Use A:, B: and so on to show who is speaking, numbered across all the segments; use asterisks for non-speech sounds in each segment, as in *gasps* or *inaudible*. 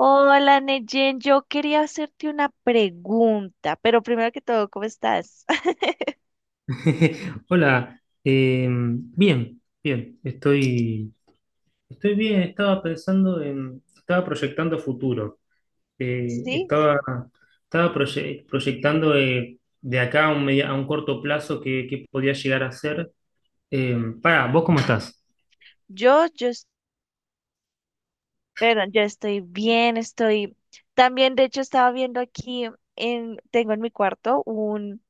A: Hola, Neyen, yo quería hacerte una pregunta, pero primero que todo, ¿cómo estás? *laughs*
B: *laughs* Hola, bien, estoy bien. Estaba estaba proyectando futuro. Eh,
A: Sí,
B: estaba, estaba proyectando, de acá a a un corto plazo que podía llegar a ser. Eh, pará, ¿vos cómo estás?
A: yo, yo, es- perdón, yo estoy bien, estoy también, de hecho, estaba viendo aquí en, tengo en mi cuarto un,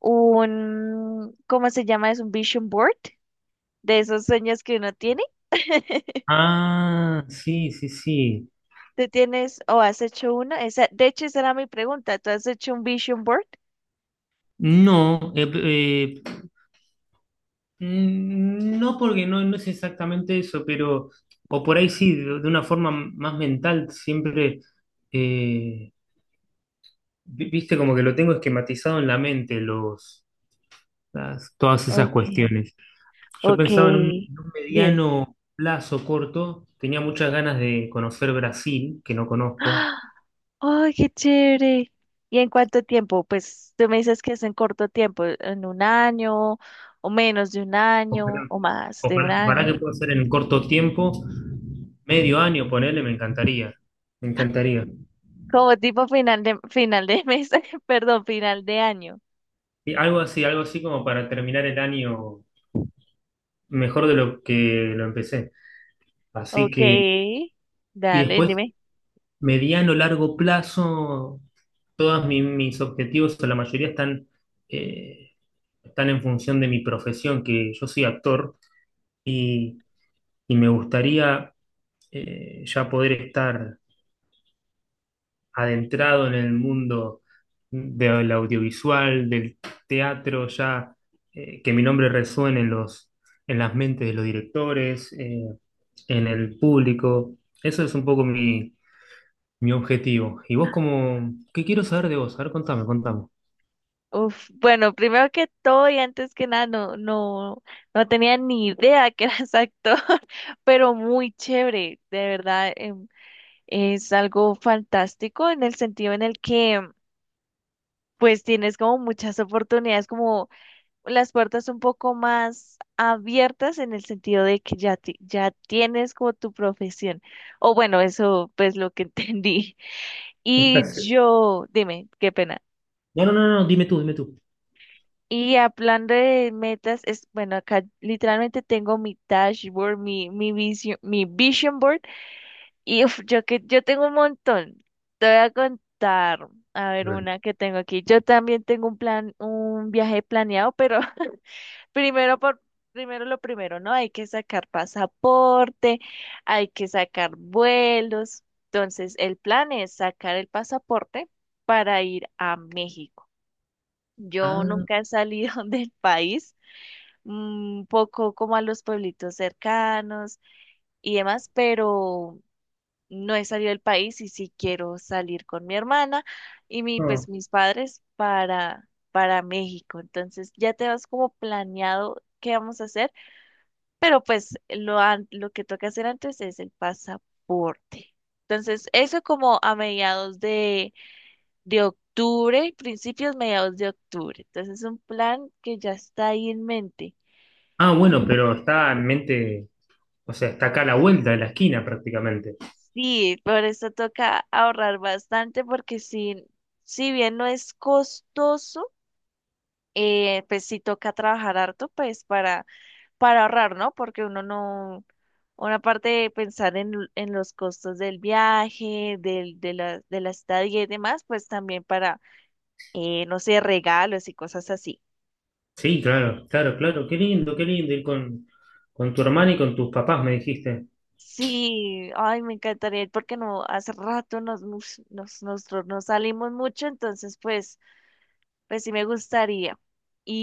A: un, ¿cómo se llama? Es un vision board de esos sueños que uno tiene. *laughs*
B: Ah, sí, sí, sí.
A: ¿Tú tienes o has hecho uno? Esa, de hecho, esa era mi pregunta. ¿Tú has hecho un vision board?
B: No, eh, eh, No porque no es exactamente eso, pero, o por ahí sí, de una forma más mental, siempre, eh, viste, como que lo tengo esquematizado en la mente, todas esas
A: Okay,
B: cuestiones. Yo pensaba
A: okay,
B: en un
A: dime.
B: mediano plazo corto, tenía muchas ganas de conocer Brasil, que no conozco.
A: *gasps* ¡Ay, qué chévere! ¿Y en cuánto tiempo? Pues tú me dices que es en corto tiempo, en un año, o menos de un
B: ojalá,
A: año, o más de un
B: Ojalá
A: año.
B: que pueda ser en corto tiempo, medio año, ponele. Me encantaría.
A: Como tipo final de mes, *laughs* perdón, final de año.
B: Y algo así como para terminar el año mejor de lo que lo empecé. Así
A: Ok,
B: que, y
A: dale,
B: después,
A: dime.
B: mediano, largo plazo, todos mis objetivos, o la mayoría están, eh, están en función de mi profesión, que yo soy actor y, y me gustaría, ya poder estar adentrado en el mundo del audiovisual, del teatro. Ya, que mi nombre resuene en los, en las mentes de los directores, en el público. Eso es un poco mi objetivo. ¿Y vos cómo, qué quiero saber de vos? A ver, contame, contame.
A: Uf, bueno, primero que todo y antes que nada, no tenía ni idea que eras actor, *laughs* pero muy chévere, de verdad, es algo fantástico en el sentido en el que pues tienes como muchas oportunidades, como las puertas un poco más abiertas en el sentido de que ya tienes como tu profesión. O bueno, eso pues lo que *laughs* entendí. Y
B: *laughs*
A: yo, dime, qué pena.
B: No, no, no, no, Dime tú, dime tú.
A: Y hablando de metas, es bueno, acá literalmente tengo mi dashboard, mi vision, board, y uf, yo tengo un montón. Te voy a contar, a ver, una que tengo aquí. Yo también tengo un plan, un viaje planeado, pero *laughs* Primero por primero lo primero, ¿no? Hay que sacar pasaporte, hay que sacar vuelos. Entonces, el plan es sacar el pasaporte para ir a México. Yo
B: Ah,
A: nunca he salido *laughs* del país, un poco como a los pueblitos cercanos y demás, pero no he salido del país y sí quiero salir con mi hermana y mi, pues
B: no.
A: mis padres para México. Entonces, ya te vas como planeado qué vamos a hacer pero pues lo que toca hacer antes es el pasaporte. Entonces, eso como a mediados de octubre, principios, mediados de octubre. Entonces, es un plan que ya está ahí en mente.
B: Ah, bueno,
A: Y
B: pero está en mente, o sea, está acá a la vuelta de la esquina prácticamente.
A: sí, por eso toca ahorrar bastante porque si bien no es costoso, pues sí toca trabajar harto pues para ahorrar, ¿no? Porque uno no, una parte de pensar en los costos del viaje, del, de la estadía y demás, pues también para, no sé, regalos y cosas así.
B: Sí, claro, claro, claro. Qué lindo ir con tu hermana y con tus papás, me dijiste.
A: Sí, ay, me encantaría ir porque no, hace rato nosotros no salimos mucho, entonces pues sí me gustaría.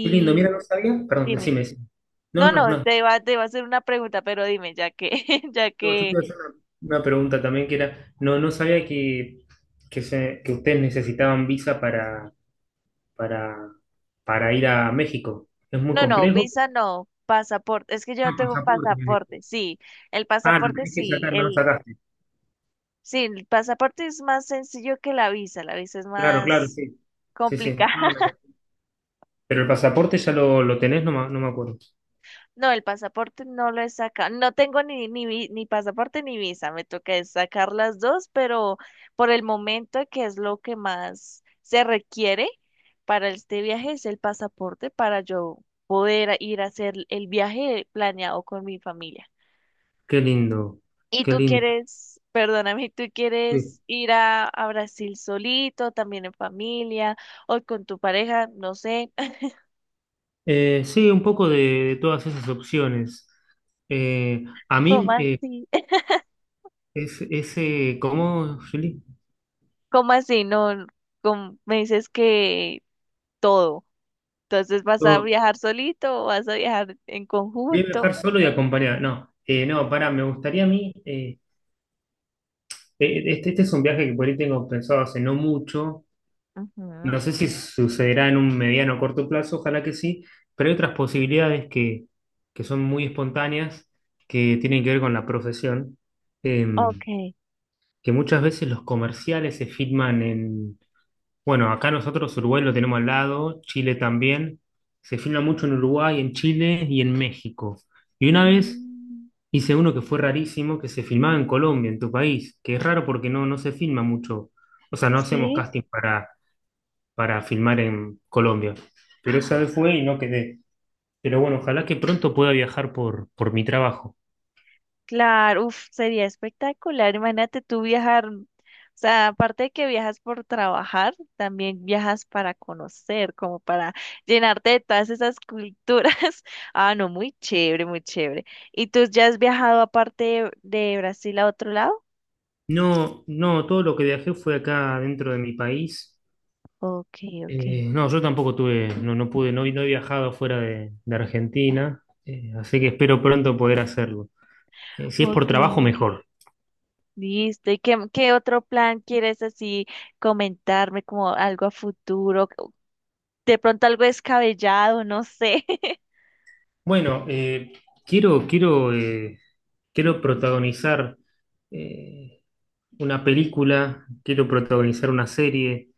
B: Qué lindo, mira, no sabía. Perdón,
A: dime,
B: decime, decime. No,
A: no,
B: no,
A: no,
B: no. No,
A: te iba a hacer una pregunta, pero dime, ya que, *laughs* ya
B: Yo te
A: que
B: iba a hacer una pregunta también que era, no, no sabía que, que ustedes necesitaban visa para, para ir a México. Es muy
A: No, no,
B: complejo.
A: visa no, pasaporte. Es que yo no
B: Ah,
A: tengo
B: pasaporte, me dijiste.
A: pasaporte, sí. El
B: Ah, lo
A: pasaporte
B: tenés que sacar, no lo sacaste.
A: sí, el pasaporte es más sencillo que la visa, es
B: Claro, claro,
A: más
B: sí. Sí, sí.
A: complicada. *laughs*
B: Pero el pasaporte ya lo tenés, no, no me acuerdo.
A: No, el pasaporte no lo he sacado. No tengo ni pasaporte ni visa. Me toca es sacar las dos, pero por el momento que es lo que más se requiere para este viaje es el pasaporte para yo poder ir a hacer el viaje planeado con mi familia.
B: Qué lindo,
A: ¿Y
B: qué
A: tú
B: lindo.
A: quieres, perdóname, tú quieres ir a Brasil solito, también en familia, o con tu pareja? No sé. *laughs*
B: Sí, un poco de todas esas opciones. Eh, a
A: ¿Cómo
B: mí,
A: así? *laughs*
B: es ese, ¿cómo, Juli?
A: ¿Cómo así? No, como me dices que todo. Entonces, ¿vas a
B: Yo,
A: viajar solito o vas a viajar en
B: bien
A: conjunto?
B: viajar solo y acompañar. No, para me gustaría a mí, este es un viaje que por ahí tengo pensado hace no mucho, no
A: Ujú.
B: sé si sucederá en un mediano o corto plazo, ojalá que sí, pero hay otras posibilidades que son muy espontáneas, que tienen que ver con la profesión. em,
A: Ok.
B: que muchas veces los comerciales se filman en... Bueno, acá nosotros Uruguay lo tenemos al lado, Chile también. Se filma mucho en Uruguay, en Chile y en México. Y una vez
A: Mm,
B: hice uno que fue rarísimo, que se filmaba en Colombia, en tu país, que es raro porque no, no se filma mucho. O sea, no hacemos
A: sí.
B: casting para filmar en Colombia. Pero esa vez fue y no quedé. Pero bueno, ojalá que pronto pueda viajar por mi trabajo.
A: Claro, uf, sería espectacular. Imagínate tú viajar, o sea, aparte de que viajas por trabajar, también viajas para conocer, como para llenarte de todas esas culturas. *laughs* Ah, no, muy chévere, muy chévere. ¿Y tú ya has viajado aparte de Brasil a otro lado?
B: No, no, todo lo que viajé fue acá dentro de mi país.
A: Ok, ok,
B: No, yo tampoco tuve, no pude, no he viajado fuera de Argentina, así que espero pronto poder hacerlo. Si es por
A: ok.
B: trabajo, mejor.
A: Listo. ¿Y qué otro plan quieres así comentarme como algo a futuro? De pronto algo descabellado, no sé. *laughs*
B: Bueno, quiero, quiero, eh, quiero protagonizar, eh, una película, quiero protagonizar una serie,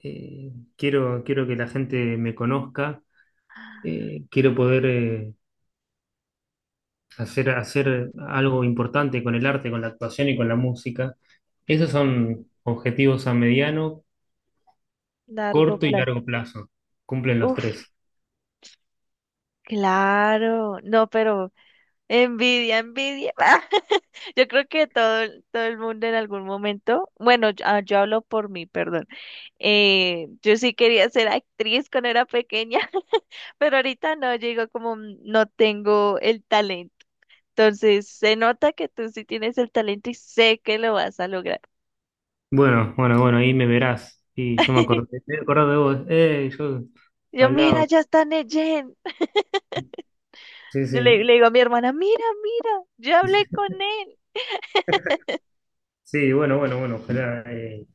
B: eh, quiero que la gente me conozca, quiero poder, hacer algo importante con el arte, con la actuación y con la música. Esos
A: Ujú,
B: son objetivos a mediano
A: Largo
B: corto y
A: plan
B: largo plazo. Cumplen los
A: Uf.
B: tres.
A: Claro, no, pero envidia, envidia. *laughs* Yo creo que todo el mundo en algún momento, bueno, yo hablo por mí, perdón. Yo sí quería ser actriz cuando era pequeña, *laughs* pero ahorita no, yo digo como "Mm, no tengo el talento". Entonces, se nota que tú sí tienes el talento y sé que lo vas a lograr.
B: Bueno, bueno, bueno, ahí me verás. Y yo me acordé de vos. Yo
A: Yo, mira,
B: hablaba.
A: ya está Neyen. *laughs*
B: Sí,
A: Yo le,
B: sí.
A: le digo a mi hermana, mira, mira, yo hablé con él.
B: Sí, bueno, bueno, bueno, ojalá.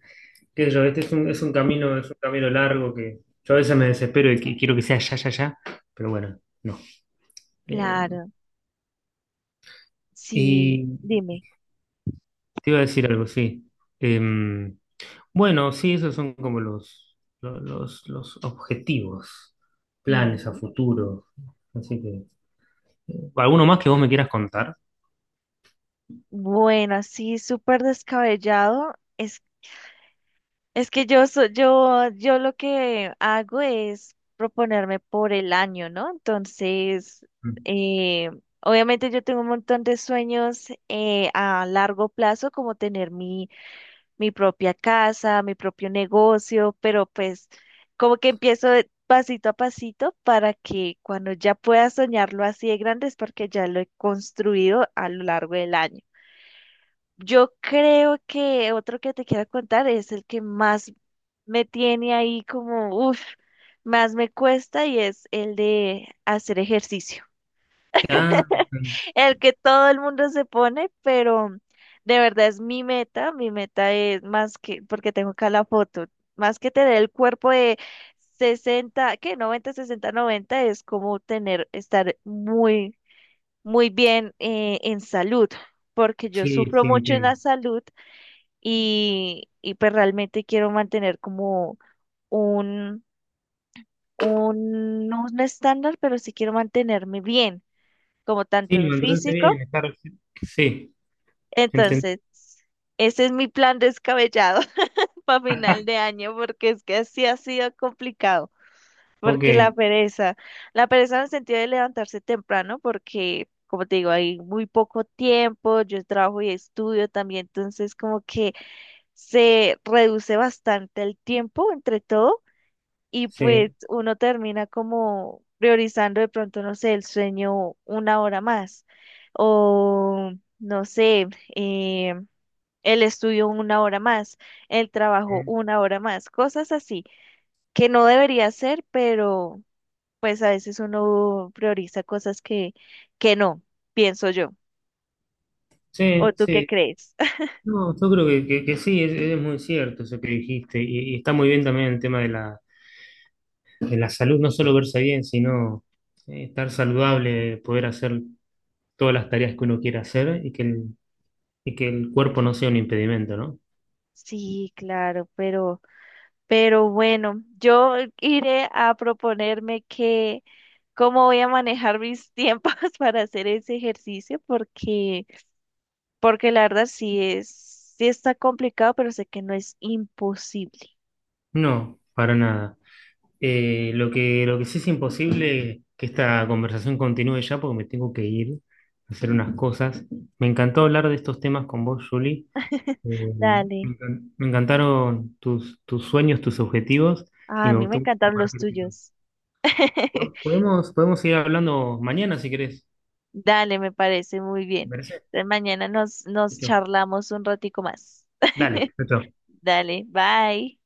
B: Qué sé yo, este es es un camino largo que yo a veces me desespero y quiero que sea ya, ya, ya, pero bueno, no. Eh,
A: Claro, sí,
B: y
A: dime.
B: te iba a decir algo, sí. Em, bueno, sí, esos son como los, los objetivos, planes a
A: Mm.
B: futuro. Así que. ¿Alguno más que vos me quieras contar?
A: Bueno, así súper descabellado. Es que yo lo que hago es proponerme por el año, ¿no? Entonces, eh, obviamente yo tengo un montón de sueños a largo plazo, como tener mi propia casa, mi propio negocio, pero pues como que empiezo de pasito a pasito para que cuando ya pueda soñarlo así de grande es porque ya lo he construido a lo largo del año. Yo creo que otro que te quiero contar es el que más me tiene ahí como, uff, más me cuesta y es el de hacer ejercicio.
B: Ah,
A: El que todo el mundo se pone, pero de verdad es mi meta. Mi meta es más que, porque tengo acá la foto, más que tener el cuerpo de 60 que 90 60 90 es como tener, estar muy, muy bien en salud, porque yo
B: sí,
A: sufro
B: sí,
A: mucho en la
B: entiendo.
A: salud y pues realmente quiero mantener como un, no un estándar, pero sí quiero mantenerme bien, como tanto
B: Sí, me
A: en
B: mantenerte bien,
A: físico.
B: estar... Sí, entiendo.
A: Entonces, ese es mi plan descabellado *laughs* para final de
B: *laughs*
A: año, porque es que así ha sido complicado,
B: Ok,
A: porque la pereza en el sentido de levantarse temprano, Como te digo, hay muy poco tiempo, yo trabajo y estudio también, entonces como que se reduce bastante el tiempo entre todo y pues
B: sí,
A: uno termina como priorizando de pronto, no sé, el sueño una hora más o no sé, eh, el estudio una hora más, el trabajo
B: eh,
A: una hora más, cosas así que no debería ser, pero pues a veces uno prioriza cosas que no, pienso yo. ¿O
B: sí,
A: tú qué
B: sí.
A: crees? *laughs*
B: No, yo creo que, que sí, es muy cierto eso que dijiste. Y está muy bien también el tema de la salud, no solo verse bien, sino estar saludable, poder hacer todas las tareas que uno quiera hacer y que el cuerpo no sea un impedimento, ¿no?
A: Sí, claro, Pero bueno, yo iré a proponerme que cómo voy a manejar mis tiempos *laughs* para hacer ese ejercicio, porque, la verdad sí es, sí está complicado, pero sé que no es imposible.
B: No, para nada. Lo que, lo que sí es imposible que esta conversación continúe ya porque me tengo que ir a hacer unas cosas. Me encantó hablar de estos temas con vos, Julie.
A: *laughs*
B: Eh,
A: Dale.
B: Me encantaron tus, tus sueños, tus objetivos
A: Ah,
B: y
A: a
B: me
A: mí me
B: gustó
A: encantan los
B: compartir.
A: tuyos. *laughs*
B: Podemos, podemos seguir hablando mañana si querés.
A: Dale, me parece muy
B: ¿Te
A: bien.
B: parece?
A: Entonces mañana nos
B: Listo.
A: charlamos un ratico más. *laughs*
B: Dale, chao. Chao.
A: Dale, bye.